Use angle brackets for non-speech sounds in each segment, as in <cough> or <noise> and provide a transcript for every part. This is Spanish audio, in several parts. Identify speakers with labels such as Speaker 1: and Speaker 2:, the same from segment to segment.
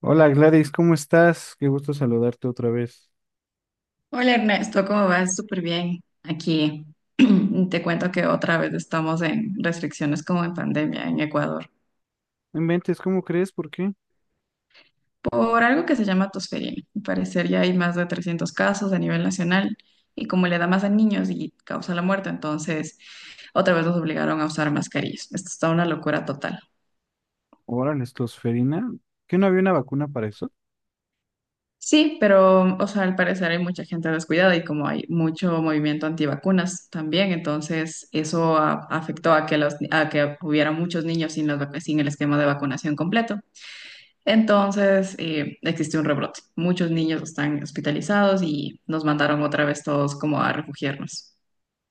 Speaker 1: Hola Gladys, ¿cómo estás? Qué gusto saludarte otra vez.
Speaker 2: Hola Ernesto, ¿cómo vas? Súper bien. Aquí <clears throat> te cuento que otra vez estamos en restricciones como en pandemia en Ecuador
Speaker 1: No inventes, ¿cómo crees? ¿Por qué?
Speaker 2: por algo que se llama tosferina. Al parecer ya hay más de 300 casos a nivel nacional y como le da más a niños y causa la muerte, entonces otra vez nos obligaron a usar mascarillas. Esto está una locura total.
Speaker 1: Órale, estosferina. ¿Qué no había una vacuna para eso?
Speaker 2: Sí, pero, o sea, al parecer hay mucha gente descuidada y como hay mucho movimiento antivacunas también, entonces eso afectó a a que hubiera muchos niños sin sin el esquema de vacunación completo. Entonces, existe un rebrote. Muchos niños están hospitalizados y nos mandaron otra vez todos como a refugiarnos.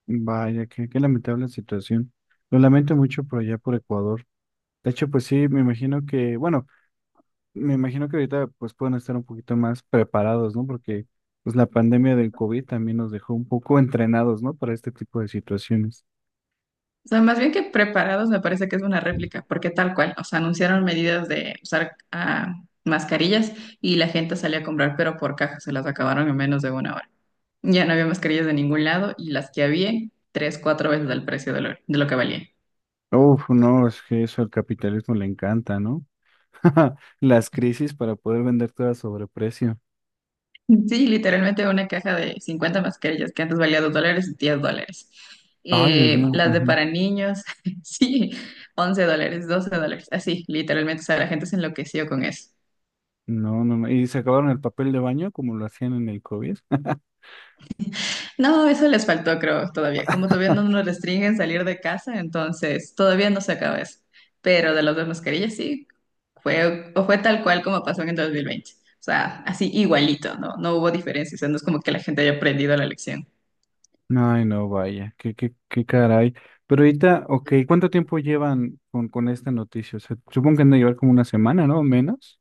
Speaker 1: Vaya, qué lamentable situación. Lo lamento mucho por allá por Ecuador. De hecho, pues sí, me imagino que, bueno, me imagino que ahorita pues pueden estar un poquito más preparados, ¿no? Porque pues la pandemia del COVID también nos dejó un poco entrenados, ¿no? Para este tipo de situaciones.
Speaker 2: O sea, más bien que preparados me parece que es una réplica, porque tal cual, o sea, anunciaron medidas de usar mascarillas y la gente salía a comprar, pero por caja se las acabaron en menos de una hora. Ya no había mascarillas de ningún lado y las que había, tres, cuatro veces el precio de lo que valía.
Speaker 1: Uf, no, es que eso al capitalismo le encanta, ¿no? <laughs> Las crisis para poder vender todo a sobreprecio.
Speaker 2: Sí, literalmente una caja de 50 mascarillas que antes valía $2, $10.
Speaker 1: Ay, Dios mío.
Speaker 2: Las de
Speaker 1: Ujú.
Speaker 2: para niños, <laughs> sí, $11, $12, así, literalmente, o sea, la gente se enloqueció con eso.
Speaker 1: No, no, no. Y se acabaron el papel de baño como lo hacían en el COVID.
Speaker 2: No, eso les faltó, creo, todavía. Como todavía no nos restringen salir de casa, entonces todavía no se acaba eso. Pero de las dos mascarillas, sí, fue tal cual como pasó en el 2020. O sea, así igualito, ¿no? No hubo diferencia. O sea, no es como que la gente haya aprendido la lección.
Speaker 1: <laughs> Ay, no, vaya, qué caray. Pero ahorita, ok, ¿cuánto tiempo llevan con esta noticia? O sea, supongo que han de llevar como una semana, ¿no? Menos.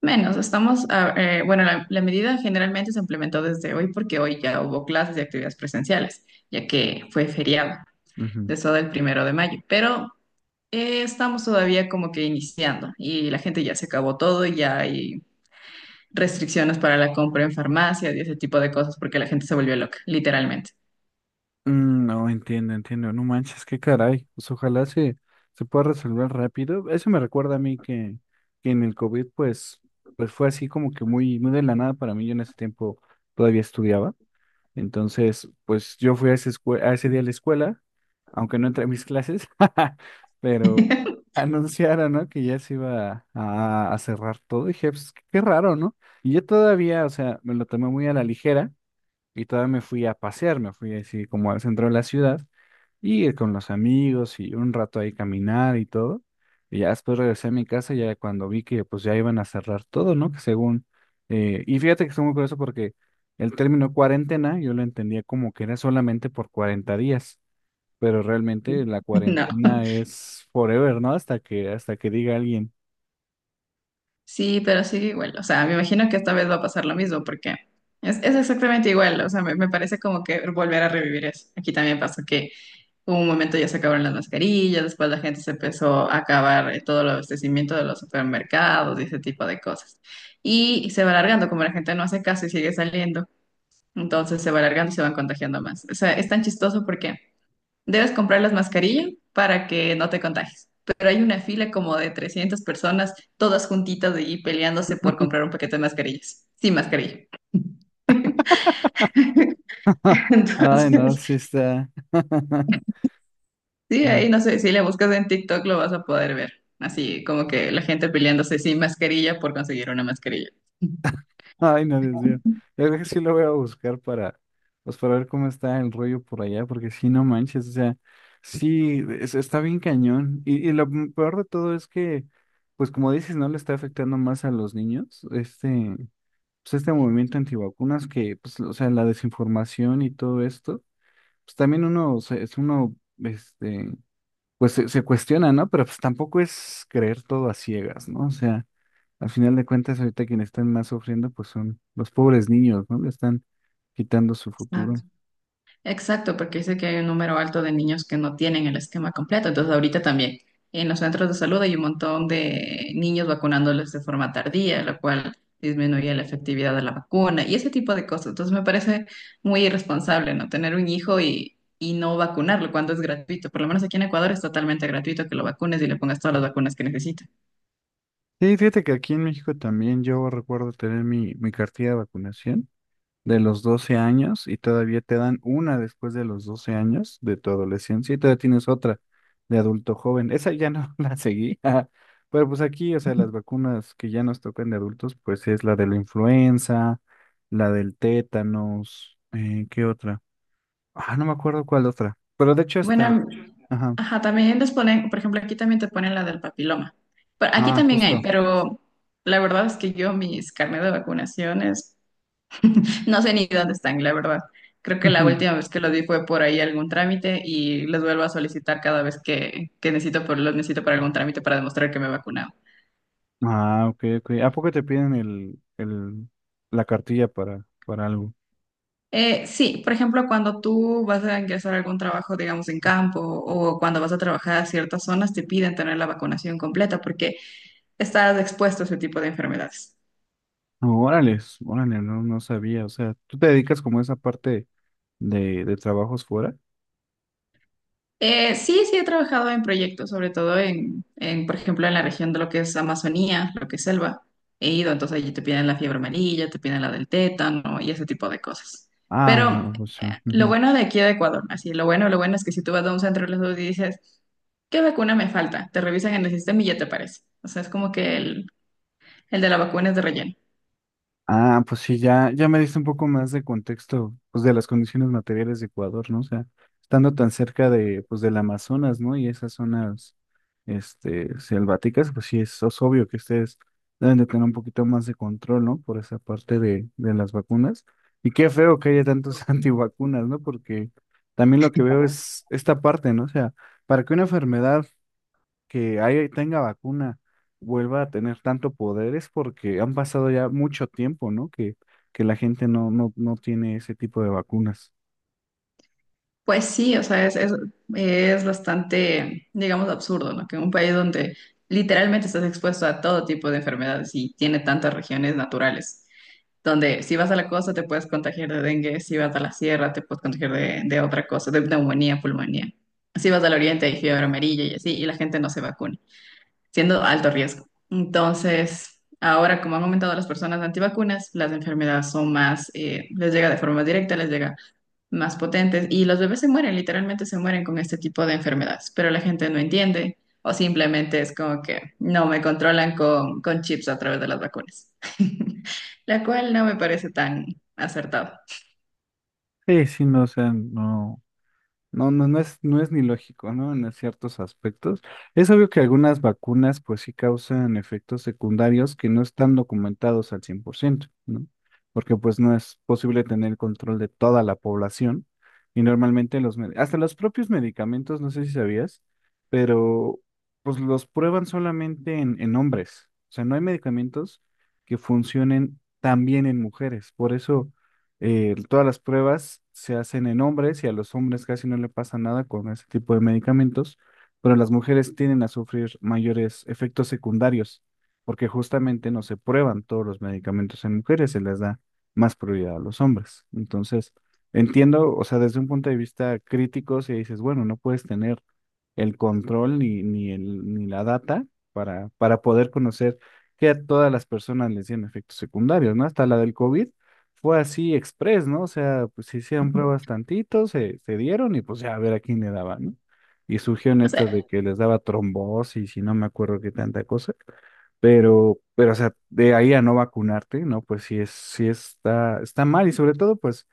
Speaker 2: Menos, estamos, bueno, la medida generalmente se implementó desde hoy porque hoy ya hubo clases y actividades presenciales, ya que fue feriado,
Speaker 1: Ujú.
Speaker 2: de eso del 1 de mayo. Pero estamos todavía como que iniciando y la gente ya se acabó todo, ya hay restricciones para la compra en farmacias y ese tipo de cosas porque la gente se volvió loca, literalmente.
Speaker 1: Mm, no, entiendo, entiendo. No manches, qué caray. Pues ojalá se pueda resolver rápido. Eso me recuerda a mí que en el COVID, pues fue así como que muy, muy de la nada para mí. Yo en ese tiempo todavía estudiaba. Entonces, pues yo fui a ese día a la escuela, aunque no entré a mis clases, <laughs> pero
Speaker 2: <laughs>
Speaker 1: anunciaron, ¿no? Que ya se iba a cerrar todo. Y dije, pues, qué raro, ¿no? Y yo todavía, o sea, me lo tomé muy a la ligera y todavía me fui a pasear, me fui así como al centro de la ciudad y con los amigos y un rato ahí caminar y todo. Y ya después regresé a mi casa ya cuando vi que pues ya iban a cerrar todo, ¿no? Que según… y fíjate que estoy muy curioso porque el término cuarentena yo lo entendía como que era solamente por 40 días, pero realmente la
Speaker 2: No.
Speaker 1: cuarentena es forever, ¿no? Hasta que diga alguien.
Speaker 2: Sí, pero sigue igual. O sea, me imagino que esta vez va a pasar lo mismo porque es exactamente igual. O sea, me parece como que volver a revivir eso. Aquí también pasó que hubo un momento ya se acabaron las mascarillas, después la gente se empezó a acabar todo el abastecimiento de los supermercados y ese tipo de cosas. Y se va alargando, como la gente no hace caso y sigue saliendo, entonces se va alargando y se van contagiando más. O sea, es tan chistoso porque debes comprar las mascarillas para que no te contagies. Pero hay una fila como de 300 personas, todas juntitas y peleándose por comprar un paquete de mascarillas. Sin mascarilla. <laughs>
Speaker 1: <laughs> Ay, no,
Speaker 2: Entonces,
Speaker 1: sí está. <laughs>
Speaker 2: sí, ahí no sé, si le buscas en TikTok lo vas a poder ver. Así como que la gente peleándose sin mascarilla por conseguir una mascarilla.
Speaker 1: Ay, no, Dios mío. Yo creo que sí lo voy a buscar para ver cómo está el rollo por allá, porque sí, no manches, o sea, sí, está bien cañón. Y lo peor de todo es que, pues como dices, no le está afectando más a los niños, pues este movimiento antivacunas que, pues, o sea, la desinformación y todo esto, pues también uno, o sea, es uno, este, pues se cuestiona, ¿no? Pero pues tampoco es creer todo a ciegas, ¿no? O sea, al final de cuentas, ahorita quienes están más sufriendo, pues son los pobres niños, ¿no? Le están quitando su
Speaker 2: Ah,
Speaker 1: futuro.
Speaker 2: exacto, porque dice que hay un número alto de niños que no tienen el esquema completo. Entonces, ahorita también en los centros de salud hay un montón de niños vacunándoles de forma tardía, lo cual disminuye la efectividad de la vacuna y ese tipo de cosas. Entonces, me parece muy irresponsable, ¿no? Tener un hijo y no vacunarlo cuando es gratuito. Por lo menos aquí en Ecuador es totalmente gratuito que lo vacunes y le pongas todas las vacunas que necesita.
Speaker 1: Sí, fíjate que aquí en México también yo recuerdo tener mi cartilla de vacunación de los 12 años y todavía te dan una después de los 12 años de tu adolescencia y todavía tienes otra de adulto joven. Esa ya no <laughs> la seguí. Ajá. Pero pues aquí, o sea, las vacunas que ya nos tocan de adultos, pues es la de la influenza, la del tétanos, ¿qué otra? Ah, no me acuerdo cuál otra. Pero de hecho
Speaker 2: Bueno,
Speaker 1: está. Ajá.
Speaker 2: ajá, también les ponen, por ejemplo, aquí también te ponen la del papiloma. Pero aquí
Speaker 1: Ah,
Speaker 2: también hay,
Speaker 1: justo.
Speaker 2: pero la verdad es que yo mis carnet de vacunaciones <laughs> no sé ni dónde están, la verdad. Creo que la última
Speaker 1: <laughs>
Speaker 2: vez que lo di fue por ahí algún trámite y les vuelvo a solicitar cada vez que necesito, los necesito para algún trámite para demostrar que me he vacunado.
Speaker 1: Ah, ok, ok. ¿A poco te piden la cartilla para algo?
Speaker 2: Sí, por ejemplo, cuando tú vas a ingresar a algún trabajo, digamos, en campo o cuando vas a trabajar a ciertas zonas, te piden tener la vacunación completa porque estás expuesto a ese tipo de enfermedades.
Speaker 1: No, órale, órale, no, no sabía. O sea, ¿tú te dedicas como a esa parte de trabajos fuera?
Speaker 2: Sí, sí he trabajado en proyectos, sobre todo por ejemplo, en la región de lo que es Amazonía, lo que es selva. He ido, entonces allí te piden la fiebre amarilla, te piden la del tétano y ese tipo de cosas.
Speaker 1: Ah,
Speaker 2: Pero
Speaker 1: no, pues sí.
Speaker 2: lo bueno de aquí de Ecuador, así, lo bueno es que si tú vas a un centro de salud y dices, ¿qué vacuna me falta? Te revisan en el sistema y ya te aparece. O sea, es como que el de la vacuna es de relleno.
Speaker 1: Ah, pues sí, ya, ya me diste un poco más de contexto, pues de las condiciones materiales de Ecuador, ¿no? O sea, estando tan cerca pues del Amazonas, ¿no? Y esas zonas, selváticas, pues sí, es obvio que ustedes deben de tener un poquito más de control, ¿no? Por esa parte de las vacunas. Y qué feo que haya tantos <laughs> antivacunas, ¿no? Porque también lo que veo es esta parte, ¿no? O sea, para que una enfermedad que ahí tenga vacuna vuelva a tener tanto poderes porque han pasado ya mucho tiempo, ¿no? Que la gente no, no, no tiene ese tipo de vacunas.
Speaker 2: Pues sí, o sea, es bastante, digamos, absurdo, ¿no? Que un país donde literalmente estás expuesto a todo tipo de enfermedades y tiene tantas regiones naturales, donde si vas a la costa te puedes contagiar de dengue, si vas a la sierra te puedes contagiar de otra cosa, de neumonía, pulmonía. Si vas al oriente hay fiebre amarilla y así, y la gente no se vacuna, siendo alto riesgo. Entonces, ahora como han aumentado las personas antivacunas, las enfermedades son más, les llega de forma directa, les llega más potentes y los bebés se mueren, literalmente se mueren con este tipo de enfermedades, pero la gente no entiende o simplemente es como que no me controlan con chips a través de las vacunas, <laughs> la cual no me parece tan acertado.
Speaker 1: Sí, sí, no, o sea, no. No, no, no es, no es ni lógico, ¿no? En ciertos aspectos. Es obvio que algunas vacunas, pues sí causan efectos secundarios que no están documentados al 100%, ¿no? Porque pues no es posible tener control de toda la población y normalmente hasta los propios medicamentos, no sé si sabías, pero pues los prueban solamente en hombres. O sea, no hay medicamentos que funcionen tan bien en mujeres. Por eso todas las pruebas se hacen en hombres y a los hombres casi no le pasa nada con ese tipo de medicamentos, pero las mujeres tienden a sufrir mayores efectos secundarios porque justamente no se prueban todos los medicamentos en mujeres, se les da más prioridad a los hombres. Entonces, entiendo, o sea, desde un punto de vista crítico, si dices, bueno, no puedes tener el control ni la data para poder conocer que a todas las personas les tienen efectos secundarios, ¿no? Hasta la del COVID fue así express, ¿no? O sea, pues se hicieron pruebas
Speaker 2: <laughs>
Speaker 1: tantito, se dieron y pues ya a ver a quién le daba, ¿no? Y surgieron
Speaker 2: No sé.
Speaker 1: estas de que les daba trombosis y no me acuerdo qué tanta cosa, pero, o sea, de ahí a no vacunarte, ¿no? Pues sí es, sí está mal y sobre todo, pues,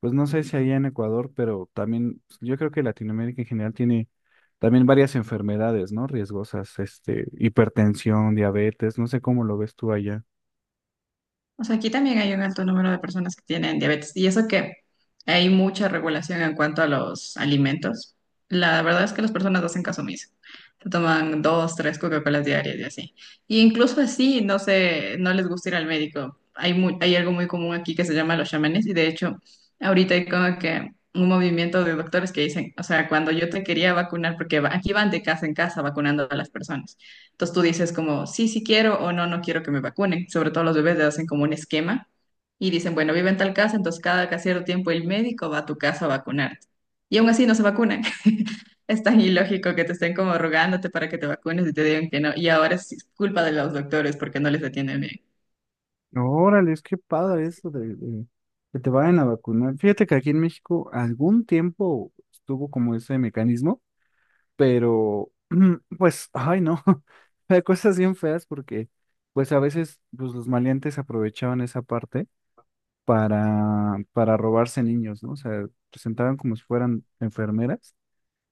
Speaker 1: pues no sé si allá en Ecuador, pero también pues, yo creo que Latinoamérica en general tiene también varias enfermedades, ¿no? Riesgosas, hipertensión, diabetes, no sé cómo lo ves tú allá.
Speaker 2: O sea, aquí también hay un alto número de personas que tienen diabetes y eso que hay mucha regulación en cuanto a los alimentos. La verdad es que las personas hacen caso omiso. Se toman dos, tres Coca-Colas diarias y así. Y incluso así, no sé, no les gusta ir al médico. Hay algo muy común aquí que se llama los chamanes y de hecho ahorita hay como que un movimiento de doctores que dicen, o sea, cuando yo te quería vacunar, porque aquí van de casa en casa vacunando a las personas. Entonces tú dices como, sí, sí quiero o no, no quiero que me vacunen. Sobre todo los bebés le hacen como un esquema y dicen, bueno, vive en tal casa, entonces cada cierto tiempo el médico va a tu casa a vacunarte. Y aún así no se vacunan. <laughs> Es tan ilógico que te estén como rogándote para que te vacunes y te digan que no. Y ahora sí es culpa de los doctores porque no les atienden bien.
Speaker 1: Órale, es que padre eso de que te vayan a vacunar. Fíjate que aquí en México algún tiempo estuvo como ese mecanismo, pero <clears throat> pues, ay no, <laughs> hay cosas bien feas porque pues a veces pues, los maleantes aprovechaban esa parte para robarse niños, ¿no? O sea, presentaban como si fueran enfermeras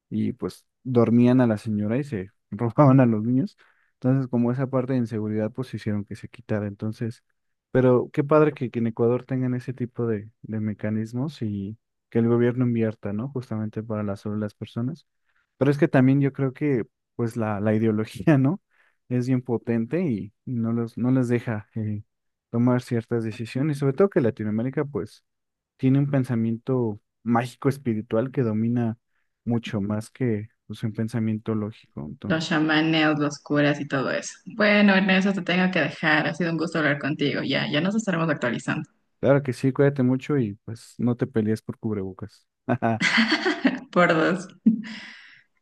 Speaker 1: y pues dormían a la señora y se <laughs> robaban a los niños. Entonces, como esa parte de inseguridad, pues hicieron que se quitara. Entonces, pero qué padre que en Ecuador tengan ese tipo de mecanismos y que el gobierno invierta, ¿no? Justamente sobre las personas. Pero es que también yo creo que pues la ideología, ¿no? Es bien potente y no les deja tomar ciertas decisiones. Sobre todo que Latinoamérica pues tiene un pensamiento mágico espiritual que domina mucho más que pues, un pensamiento lógico. Entonces,
Speaker 2: Los chamanes, los curas y todo eso. Bueno, Ernesto, te tengo que dejar. Ha sido un gusto hablar contigo. Ya, ya nos estaremos actualizando.
Speaker 1: claro que sí, cuídate mucho y pues no te pelees por cubrebocas. <laughs>
Speaker 2: Por dos.